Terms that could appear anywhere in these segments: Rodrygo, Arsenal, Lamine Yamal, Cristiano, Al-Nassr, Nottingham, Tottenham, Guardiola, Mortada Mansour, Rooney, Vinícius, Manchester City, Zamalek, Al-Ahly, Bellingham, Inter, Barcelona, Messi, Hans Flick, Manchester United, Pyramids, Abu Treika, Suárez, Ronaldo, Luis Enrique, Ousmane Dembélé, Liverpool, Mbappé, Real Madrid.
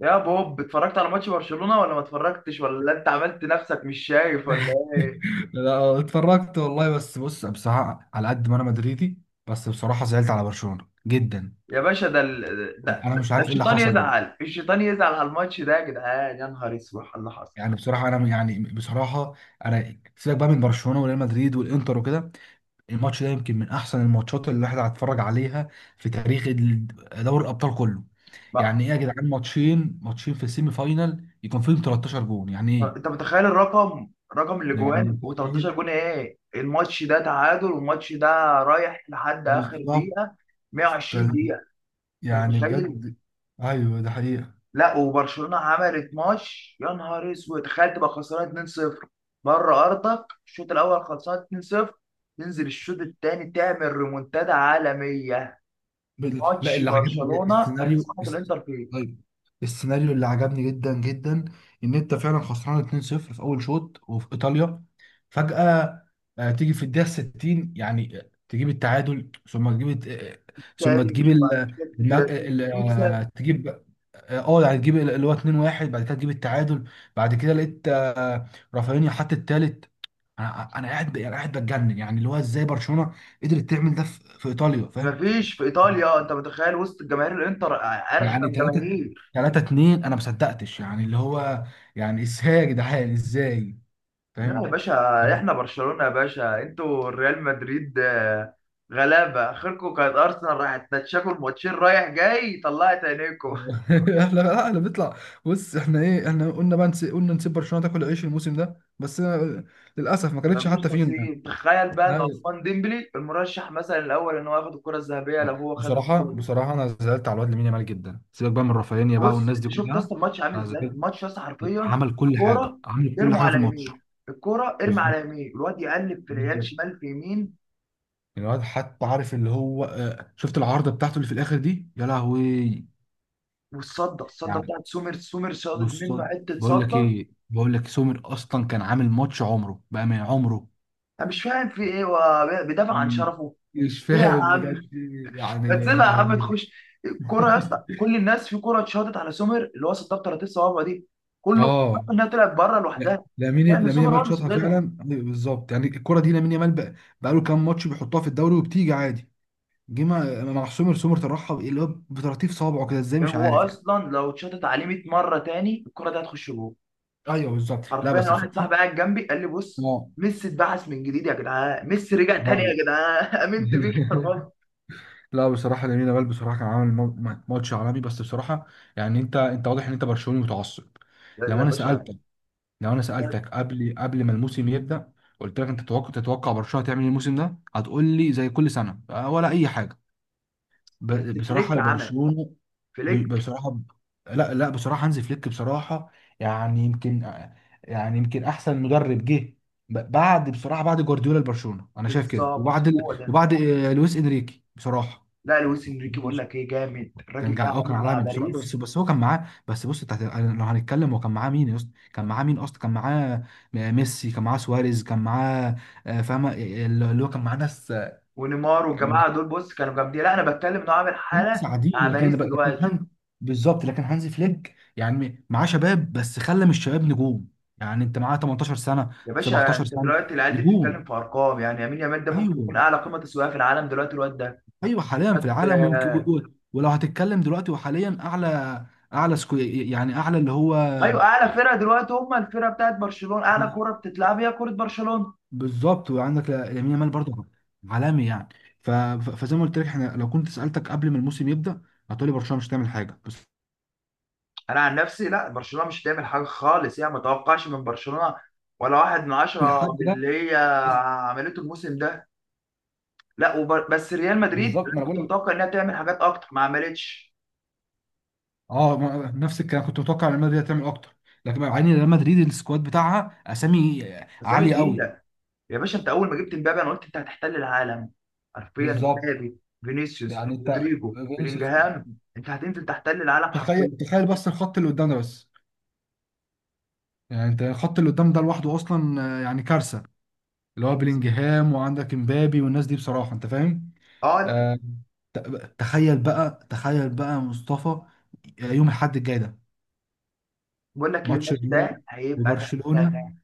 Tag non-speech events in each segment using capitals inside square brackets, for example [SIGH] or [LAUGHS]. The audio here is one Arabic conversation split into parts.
يا بوب، اتفرجت على ماتش برشلونة ولا ما اتفرجتش، ولا انت عملت نفسك مش شايف ولا ايه؟ لا اتفرجت والله. بس بص، بصراحة على قد ما انا مدريدي، بس بصراحة زعلت على برشلونة جدا. يا باشا ده, انا ده, مش ده عارف ايه اللي الشيطان حصل ده. يزعل، الشيطان يزعل على الماتش ده يا جدعان. يا نهار اسود على اللي حصل. يعني بصراحة انا سيبك بقى من برشلونة وريال مدريد والانتر وكده. الماتش ده يمكن من احسن الماتشات اللي الواحد هيتفرج عليها في تاريخ دوري الابطال كله. بقى يعني ايه يا جدعان، ماتشين ماتشين في السيمي فاينال يكون فيهم 13 جون؟ يعني ايه؟ انت متخيل الرقم؟ رقم يعني الاجوان انت و13 متخيل. جون. ايه الماتش ده تعادل والماتش ده رايح لحد اخر بالظبط. دقيقة، 120 فال- دقيقة. انت يعني متخيل؟ بجد. ايوه ده حقيقة. لا، وبرشلونه عملت ماتش، يا نهار اسود. تخيل تبقى خسران 2-0 بره ارضك، الشوط الاول خلصان 2-0، تنزل الشوط الثاني تعمل ريمونتادا عالميه. لا، ماتش اللي عجبني برشلونه السيناريو كسرت الانتر فيه. طيب، السيناريو اللي عجبني جدا جدا ان انت فعلا خسران 2-0 في اول شوط وفي ايطاليا، فجأة تيجي في الدقيقة 60، يعني تجيب التعادل، ثم تجيب الت- آه، ثم تاني تجيب مش ال بعد الم- كده ال- تكسب. آه، تجيب، يعني تجيب اللي هو 2-1، بعد كده تجيب التعادل. بعد كده لقيت رافينيا حط التالت. انا قاعد بتجنن، يعني اللي هو ازاي برشلونة قدرت تعمل ده في ايطاليا، فاهم؟ مفيش في ايطاليا. انت متخيل وسط الجماهير؟ الانتر يعني ارخم جماهير. 3 2، انا ما صدقتش، يعني اللي هو يعني ازاي يا جدعان ازاي، لا يا فاهم؟ باشا، [LAUGHS] احنا برشلونة يا باشا، انتوا ريال مدريد. غلابة اخركم كانت ارسنال، راحت تتشاكل ماتشين رايح جاي، طلعت عينيكم. [LAUGHS] احنا، لا احنا بنطلع. بص احنا ايه، احنا قلنا بقى قلنا نسيب برشلونة تاكل العيش الموسم ده، بس أنا للاسف ما كانتش مفيش حتى فيهم يعني. نصيب. تخيل بقى ان أيوة. عثمان ديمبلي المرشح مثلا الاول ان هو ياخد الكرة الذهبية، لو هو خد الكرة دي. بصراحة انا زعلت على الواد لامين يامال جدا، سيبك بقى من رافينيا بقى بص والناس دي انت شفت كلها. اصلا الماتش عامل انا ازاي؟ زعلت. الماتش اصلا حرفيا عمل كل حاجة، الكرة، عمل كل ارموا حاجة في على الماتش. يمين. الكرة ارمي على بالظبط يمين، الواد يقلب في العيال بالظبط. شمال في يمين. الواد حتى عارف اللي هو، شفت العارضة بتاعته اللي في الاخر دي، يا لهوي. والصدة، الصدة يعني بتاعت سومر، سومر صادت بص، منه حتة بقول لك صدة. ايه، بقول لك سومر اصلا كان عامل ماتش عمره بقى من عمره. انا مش فاهم في ايه، هو بيدافع عن ال- شرفه؟ مش ايه يا فاهم عم، بجد، يعني ما اللي، يا تسيبها يا لهوي عم يا جدعان. تخش الكرة يا اسطى. [LAUGHS] كل الناس في كرة اتشاطت على سومر اللي هو صدها ب 30 صوابع دي، كله فكر اه انها طلعت بره لا، لوحدها، لان لامين سومر هو يامال اللي شاطها فعلا. صدتها. أيوة بالظبط. يعني الكره دي لامين يامال بقى، بقى له كام ماتش بيحطها في الدوري وبتيجي عادي. جه مع سومر طرحها اللي هو بطراطيف صوابعه كده، ازاي مش هو عارف يعني. اصلا لو اتشاطت عليه 100 مره تاني الكرة دي هتخش جول، ايوه بالظبط. لا حرفيا. أنا بس واحد بصراحه. صاحبي قاعد جنبي قال لي، بص، اه، ميسي اتبعث من جديد يا جدعان، ميسي رجع تاني يا لا. جدعان. [LAUGHS] [LAUGHS] امنت بيك يا راجل. لا، بصراحة لامين يامال بصراحة كان عامل ماتش عالمي، بس بصراحة يعني انت واضح ان انت برشلوني متعصب. يا لو يا انا باشا، سألتك لو انا سألتك قبل ما الموسم يبدأ، قلت لك انت تتوقع برشلونة تعمل ايه الموسم ده، هتقول لي زي كل سنة، ولا اي حاجة. بس بصراحة فليك عمل. برشلونة، فليك بصراحة، لا لا بصراحة هانز فليك بصراحة، يعني يمكن يعني يمكن احسن مدرب جه بعد بصراحة بعد جوارديولا لبرشلونة، انا شايف كده. بالظبط، وبعد هو ده. وبعد لويس انريكي، بصراحة لا لويس انريكي، بقول لك ايه، جامد الراجل كان ده، جع... اه كان عامل مع عالمي بصراحه. بس باريس هو كان معاه، بس بص انت لو هنتكلم هو كان معاه مين يا اسطى، كان معاه ميسي، كان معاه سواريز، كان معاه، فاهمه اللي هو كان معاه ناس آه، ونيمار كان معاه والجماعه دول. بص كانوا جامدين، لا انا بتكلم انه عامل ناس حاله مع عاديين، لكن باريس لكن دلوقتي. بالظبط، لكن هانزي فليك يعني معاه شباب، بس خلى من الشباب نجوم. يعني انت معاه 18 سنه، يا باشا، 17 انت سنه، دلوقتي العيال دي نجوم. بتتكلم في ارقام. يعني يمين يامال ده ممكن ايوه يكون اعلى قيمه تسويقيه في العالم دلوقتي الواد ده. ايوه، حاليا في العالم، ويمكن و- آه، و- ولو هتتكلم دلوقتي وحاليا اعلى، اعلى سكو... يعني اعلى اللي هو. ايوه، اعلى فرقه دلوقتي هم الفرقه بتاعت برشلونه، اعلى كوره بتتلعب هي كوره برشلونه. بالظبط. وعندك لامين يامال برضه عالمي يعني. ف... ف- فزي ما قلت لك، احنا لو كنت سالتك قبل ما الموسم يبدا هتقولي برشلونه مش هتعمل حاجه، بس انا عن نفسي لا، برشلونه مش هتعمل حاجه خالص. يعني ما توقعش من برشلونه ولا واحد من من عشرة الحد من ده اللي هي بس. عملته الموسم ده. لا بس ريال مدريد بالظبط، ما انا انا بقول كنت لك. متوقع انها تعمل حاجات اكتر ما عملتش. اه ما... نفس الكلام، كنت متوقع ان ريال مدريد هتعمل اكتر. لكن مع ان ريال مدريد السكواد بتاعها اسامي اسامي عاليه قوي. تقيله. يا باشا، انت اول ما جبت مبابي انا قلت انت هتحتل العالم. حرفيا بالظبط. مبابي، فينيسيوس، يعني انت رودريجو، فينيسيوس. بلينجهام، انت هتنزل تحتل العالم تخيل، حرفيا. تخيل بس الخط اللي قدامنا، بس يعني انت الخط اللي قدام ده لوحده اصلا، يعني كارثه، اللي هو بلينجهام وعندك امبابي والناس دي بصراحه، انت فاهم. اه لا. آه، ت- تخيل بقى، تخيل بقى مصطفى، يوم الأحد الجاي ده، بقول لك ايه، ماتش الماتش الريال ده هيبقى ده. ده- وبرشلونة، ده.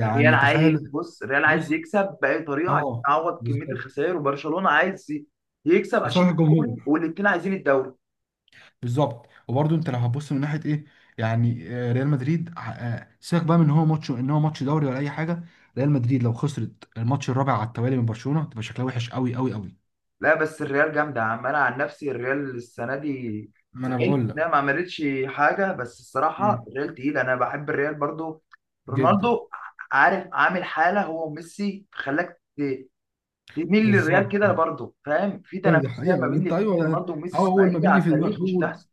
الريال عايز، تخيل. بص الريال عايز بص. يكسب باي طريقه عشان اه. يعوض كميه بالظبط. الخسائر، وبرشلونه عايز يكسب عشان لصالح الدوري، الجمهور، والاثنين عايزين الدوري. بالظبط. وبرده انت لو هتبص من ناحيه ايه، يعني ريال مدريد سيبك بقى من ان هو ماتش، ان هو ماتش دوري ولا اي حاجه. ريال مدريد لو خسرت الماتش الرابع على التوالي من برشلونه تبقى شكلها وحش قوي قوي قوي. لا بس الريال جامدة يا عم. أنا عن نفسي الريال السنة دي ما انا زعلت بقول لك. إنها ما عملتش حاجة، بس الصراحة مم. الريال تقيل. أنا بحب الريال برضو. جدا. رونالدو، عارف عامل حالة هو وميسي خلاك تميل للريال بالظبط. كده برضو. فاهم؟ في ايوه دي تنافسية حقيقة ما والله، بين انت الاتنين، ايوه. رونالدو أو وميسي اول ما ثنائية بيجي على في دماغك، التاريخ مش اول هتحصل.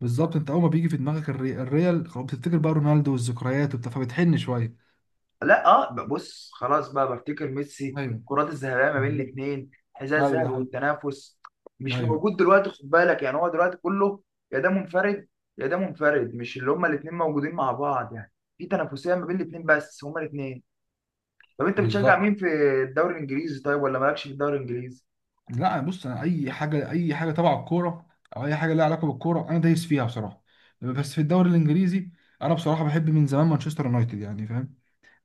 بالظبط. انت اول ما بيجي في دماغك الريال، خلاص بتفتكر بقى رونالدو والذكريات وبتاع، فبتحن شوية. لا اه، بص خلاص بقى بفتكر ميسي، ايوه الكرات الذهبيه ما بين بالظبط. الاثنين، حذاء ايوه الذهبي ده حقيقي. والتنافس مش ايوه موجود دلوقتي. خد بالك يعني، هو دلوقتي كله يا ده منفرد، يا ده منفرد، مش اللي هما الاثنين موجودين مع بعض. يعني في تنافسيه ما بين الاثنين، بس هما الاثنين. طب انت بتشجع بالظبط. مين في الدوري الانجليزي طيب، ولا مالكش في الدوري الانجليزي؟ لا بص، انا اي حاجة، اي حاجة تبع الكورة او اي حاجة لها علاقة بالكورة انا دايس فيها بصراحة. بس في الدوري الانجليزي، انا بصراحة بحب من زمان مانشستر يونايتد، يعني فاهم.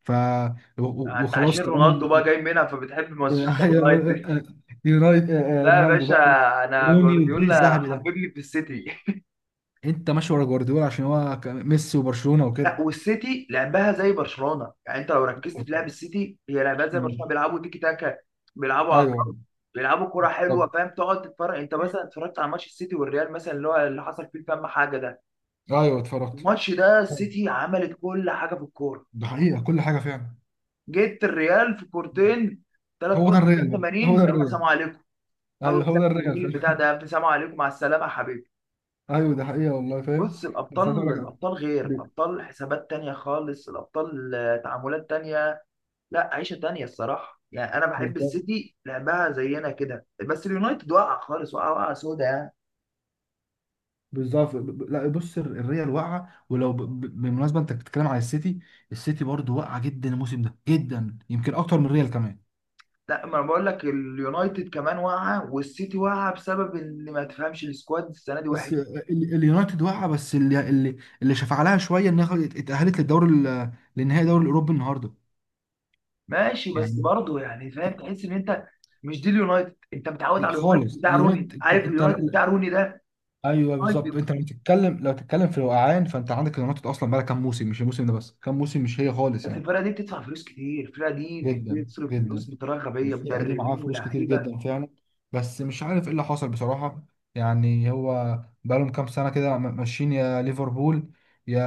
ف و- و- انت وخلاص عشان كمان. رونالدو بقى جاي منها فبتحب مانشستر [LAUGHS] يونايتد. [LAUGHS] يونايتد، لا يا رونالدو باشا، بقى، انا روني والجيل جوارديولا الذهبي ده. حببني في السيتي. [LAUGHS] انت ماشي ورا جوارديولا عشان هو ميسي وبرشلونة لا، وكده. والسيتي لعبها زي برشلونه. يعني انت لو ركزت في لعب السيتي، هي لعبها زي مم. برشلونه، بيلعبوا تيكي تاكا، بيلعبوا على ايوه الارض، بيلعبوا كره حلوه. بالظبط. فاهم؟ تقعد تتفرج، انت مثلا اتفرجت على ماتش السيتي والريال مثلا اللي هو اللي حصل فيه، فاهم حاجه ده؟ ايوه اتفرجت. الماتش ده السيتي عملت كل حاجه في الكوره، ده حقيقة، كل حاجة فعلا. جيت الريال في كورتين، ثلاث هو كور ده في الريال الدقيقه بقى، 80. هو ده يلا سلام الريال. عليكم. ايوه خلص هو يا ده ابني الريال الميل بتاع فعلا. ده يا ابني، سلام عليكم مع السلامه يا حبيبي. [LAUGHS] ايوه ده حقيقة والله، فاهم. بص بس عايز اقول الابطال، لك الابطال غير، ب- الابطال حسابات تانية خالص. الابطال تعاملات تانية. لا عيشه تانية الصراحه. يعني انا بحب بالظبط. السيتي لعبها زينا كده، بس اليونايتد واقع خالص، واقع واقع سودا يعني. لا بص، الريال واقعة، ولو بالمناسبة انت بتتكلم على السيتي، السيتي برضو واقعة جدا الموسم ده، جدا يمكن اكتر من الريال كمان. لا، ما انا بقول لك اليونايتد كمان واقعه، والسيتي واقعه بسبب ان ما تفهمش. السكواد السنه دي بس وحش. اليونايتد واقعه، بس اللي شفع لها شويه انها اتاهلت للدوري للنهائي الدوري الاوروبي النهارده ماشي بس يعني. برضه، يعني فاهم، تحس ان انت مش دي اليونايتد. انت متعود لا على اليونايتد خالص، بتاع روني، اليونايتد عارف انت، اليونايتد بتاع روني ده. ايوه بالظبط. يونايتد انت لو تتكلم في الوقعان فانت عندك اليونايتد اصلا بقى كام موسم، مش الموسم ده بس، كام موسم مش هي خالص بس يعني. الفرقه دي بتدفع فلوس كتير. الفرقه دي جدا بتصرف جدا. فلوس بطريقه غبيه، والفرقة دي معاها مدربين فلوس كتير ولاعيبه. جدا فعلا، بس مش عارف ايه اللي حصل بصراحة. يعني هو بقالهم كام سنة كده ماشيين، يا ليفربول، يا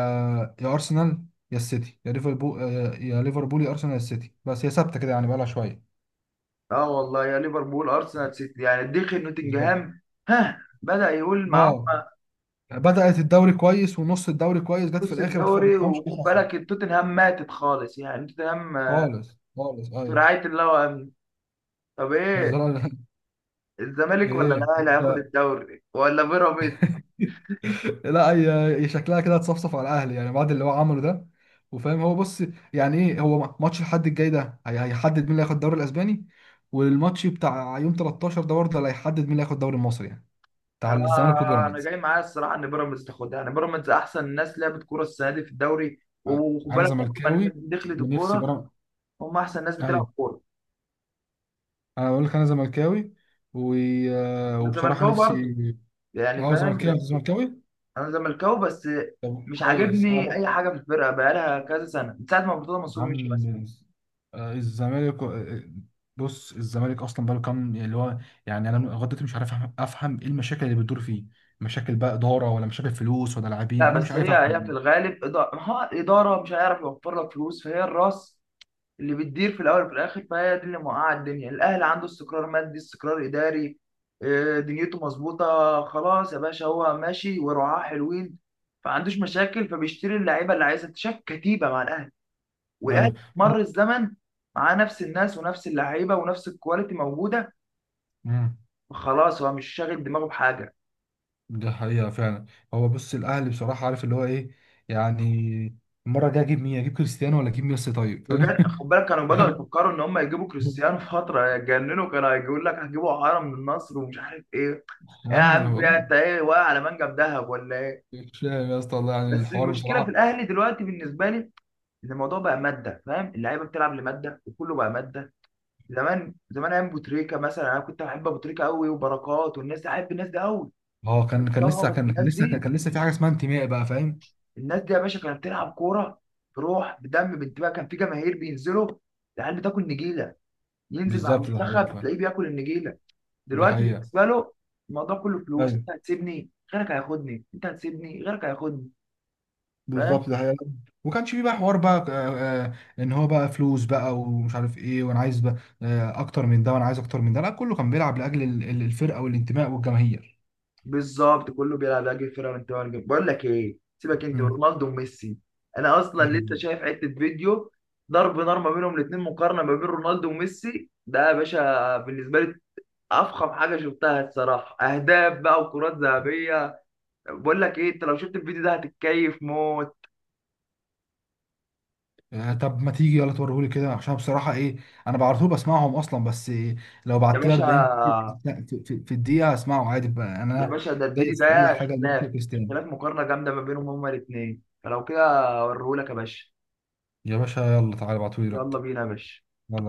أرسنال، يا السيتي، يا ليفربول، يا أرسنال، يا السيتي، بس هي ثابتة كده يعني بقالها شوية. اه والله، يا ليفربول، ارسنال، سيتي، يعني دخل بالظبط. نوتنجهام. ها بدأ يقول معاهم. اه، بدأت الدوري كويس ونص الدوري كويس، جت في بص الآخر ما الدوري، تفهمش ايه وخد اللي حصل. بالك، توتنهام ماتت خالص يعني، توتنهام خالص خالص في ايوه. رعاية الله وأمنه. طب [LAUGHS] مش ده ايه، رأيي. [LAUGHS] الزمالك ولا ايه الاهلي هياخد انت، الدوري ولا بيراميدز؟ لا هي هي شكلها كده هتصفصف على الاهلي، يعني بعد اللي هو عمله ده، وفاهم هو، بص يعني ايه، هو ماتش الحد الجاي ده هيحدد مين اللي هياخد الدوري الاسباني، والماتش بتاع يوم 13 ده برضه اللي هيحدد مين اللي هياخد الدوري المصري، يعني بتاع انا الزمالك انا وبيراميدز. جاي معايا الصراحه ان بيراميدز تاخدها. يعني بيراميدز احسن ناس لعبت كوره السنه دي في الدوري. أ- وخد انا بالك لما الناس زملكاوي دي دخلت ونفسي الكوره، بيراميدز. هم احسن ناس بتلعب ايوه، كوره. انا بقول لك انا زملكاوي و، وبصراحه الزمالكاوي برضه نفسي. يعني، اه فاهم؟ زملكاوي، انت بس زملكاوي؟ انا زملكاوي، بس طب مش كويس انا عاجبني بقى. اي حاجه في الفرقه بقالها كذا سنه من ساعه ما مرتضى يا منصور مشي. بس عم، الزمالك بص الزمالك اصلا بقاله كام يعني، اللي هو يعني انا لغايه دلوقتي مش عارف افهم ايه المشاكل اللي بتدور فيه، مشاكل بقى اداره ولا مشاكل فلوس ولا لاعبين، لا، انا مش بس عارف هي افهم هي في والله. الغالب اداره. ها اداره مش هيعرف يوفر لك فلوس، فهي الراس اللي بتدير في الاول وفي الاخر، فهي دي اللي موقعه الدنيا. الاهلي عنده استقرار مادي، استقرار اداري، دنيته مظبوطه. خلاص يا باشا، هو ماشي ورعاه حلوين، فعندوش مشاكل، فبيشتري اللعيبه اللي عايزها. انت شايف كتيبه مع الاهلي، والاهلي ايوه. مر الزمن معاه نفس الناس ونفس اللعيبه ونفس الكواليتي موجوده. امم. خلاص هو مش شاغل دماغه بحاجه. ده حقيقه فعلا. هو بص الاهلي بصراحه عارف اللي هو ايه، يعني المره الجايه اجيب مين، اجيب كريستيانو ولا اجيب ميسي، طيب بجد خد بالك، كانوا بدأوا فاهم. [LAUGHS] يفكروا ان هم يجيبوا كريستيانو فتره، يتجننوا، كانوا هيقول لك هتجيبوا عارة من النصر ومش عارف ايه. يا ايوه، عم، بقول يا انت ايه واقع على منجم ذهب ولا ايه؟ لك. مش فاهم يا اسطى والله، يعني بس الحوار المشكله في بصراحه. الاهلي دلوقتي بالنسبه لي، ان الموضوع بقى ماده. فاهم؟ اللعيبه بتلعب لماده، وكله بقى ماده. زمان، زمان ايام ابو تريكه مثلا، انا كنت بحب ابو تريكه قوي، وبركات والناس دي احب الناس دي قوي. اه كان كان طبعا، لسه بس كان كان الناس لسه كان دي كان لسه في حاجه اسمها انتماء بقى، فاهم. الناس دي يا باشا كانت بتلعب كوره بروح، بدم، بانتباه. كان في جماهير بينزلوا، العيال بتاكل نجيله، ينزل مع بالظبط، ده حقيقة المنتخب فعلا. تلاقيه بياكل النجيله. ده دلوقتي حقيقة. بالنسبه له، الموضوع كله فلوس. ايوه انت هتسيبني غيرك هياخدني، انت هتسيبني غيرك هياخدني. فاهم؟ بالظبط، ده حقيقة. وكانش فيه بقى حوار بقى، ان هو بقى فلوس بقى ومش عارف ايه وانا عايز بقى اكتر من ده وانا عايز اكتر من ده، لا كله كان بيلعب لاجل الفرقة والانتماء والجماهير. بالظبط، كله بيلعب لاجل الفرقه من تبع الجنب. بقول لك ايه، سيبك انت مم. ورونالدو وميسي، انا اصلا لسه يعني شايف حته فيديو ضرب نار ما بينهم الاثنين، مقارنه ما بين رونالدو وميسي. ده يا باشا بالنسبه لي افخم حاجه شفتها الصراحه. اهداف بقى، وكرات ذهبيه. بقول لك ايه، انت لو شفت الفيديو ده هتتكيف موت. طب ما تيجي يلا توريهولي كده، عشان بصراحة ايه، انا بعرف بسمعهم اصلا، بس إيه، لو يا بعت لي باشا 40 في الدقيقة هسمعه عادي بقى يا انا. باشا ده الفيديو دايس ده، في اي حاجة لميسي اختلاف وكريستيانو. اختلاف مقارنة جامدة ما بينهم هما الاثنين. فلو كده اوريهولك يا باشا. يا باشا يلا تعالى ابعتولي يلا دلوقتي. بينا يا باشا.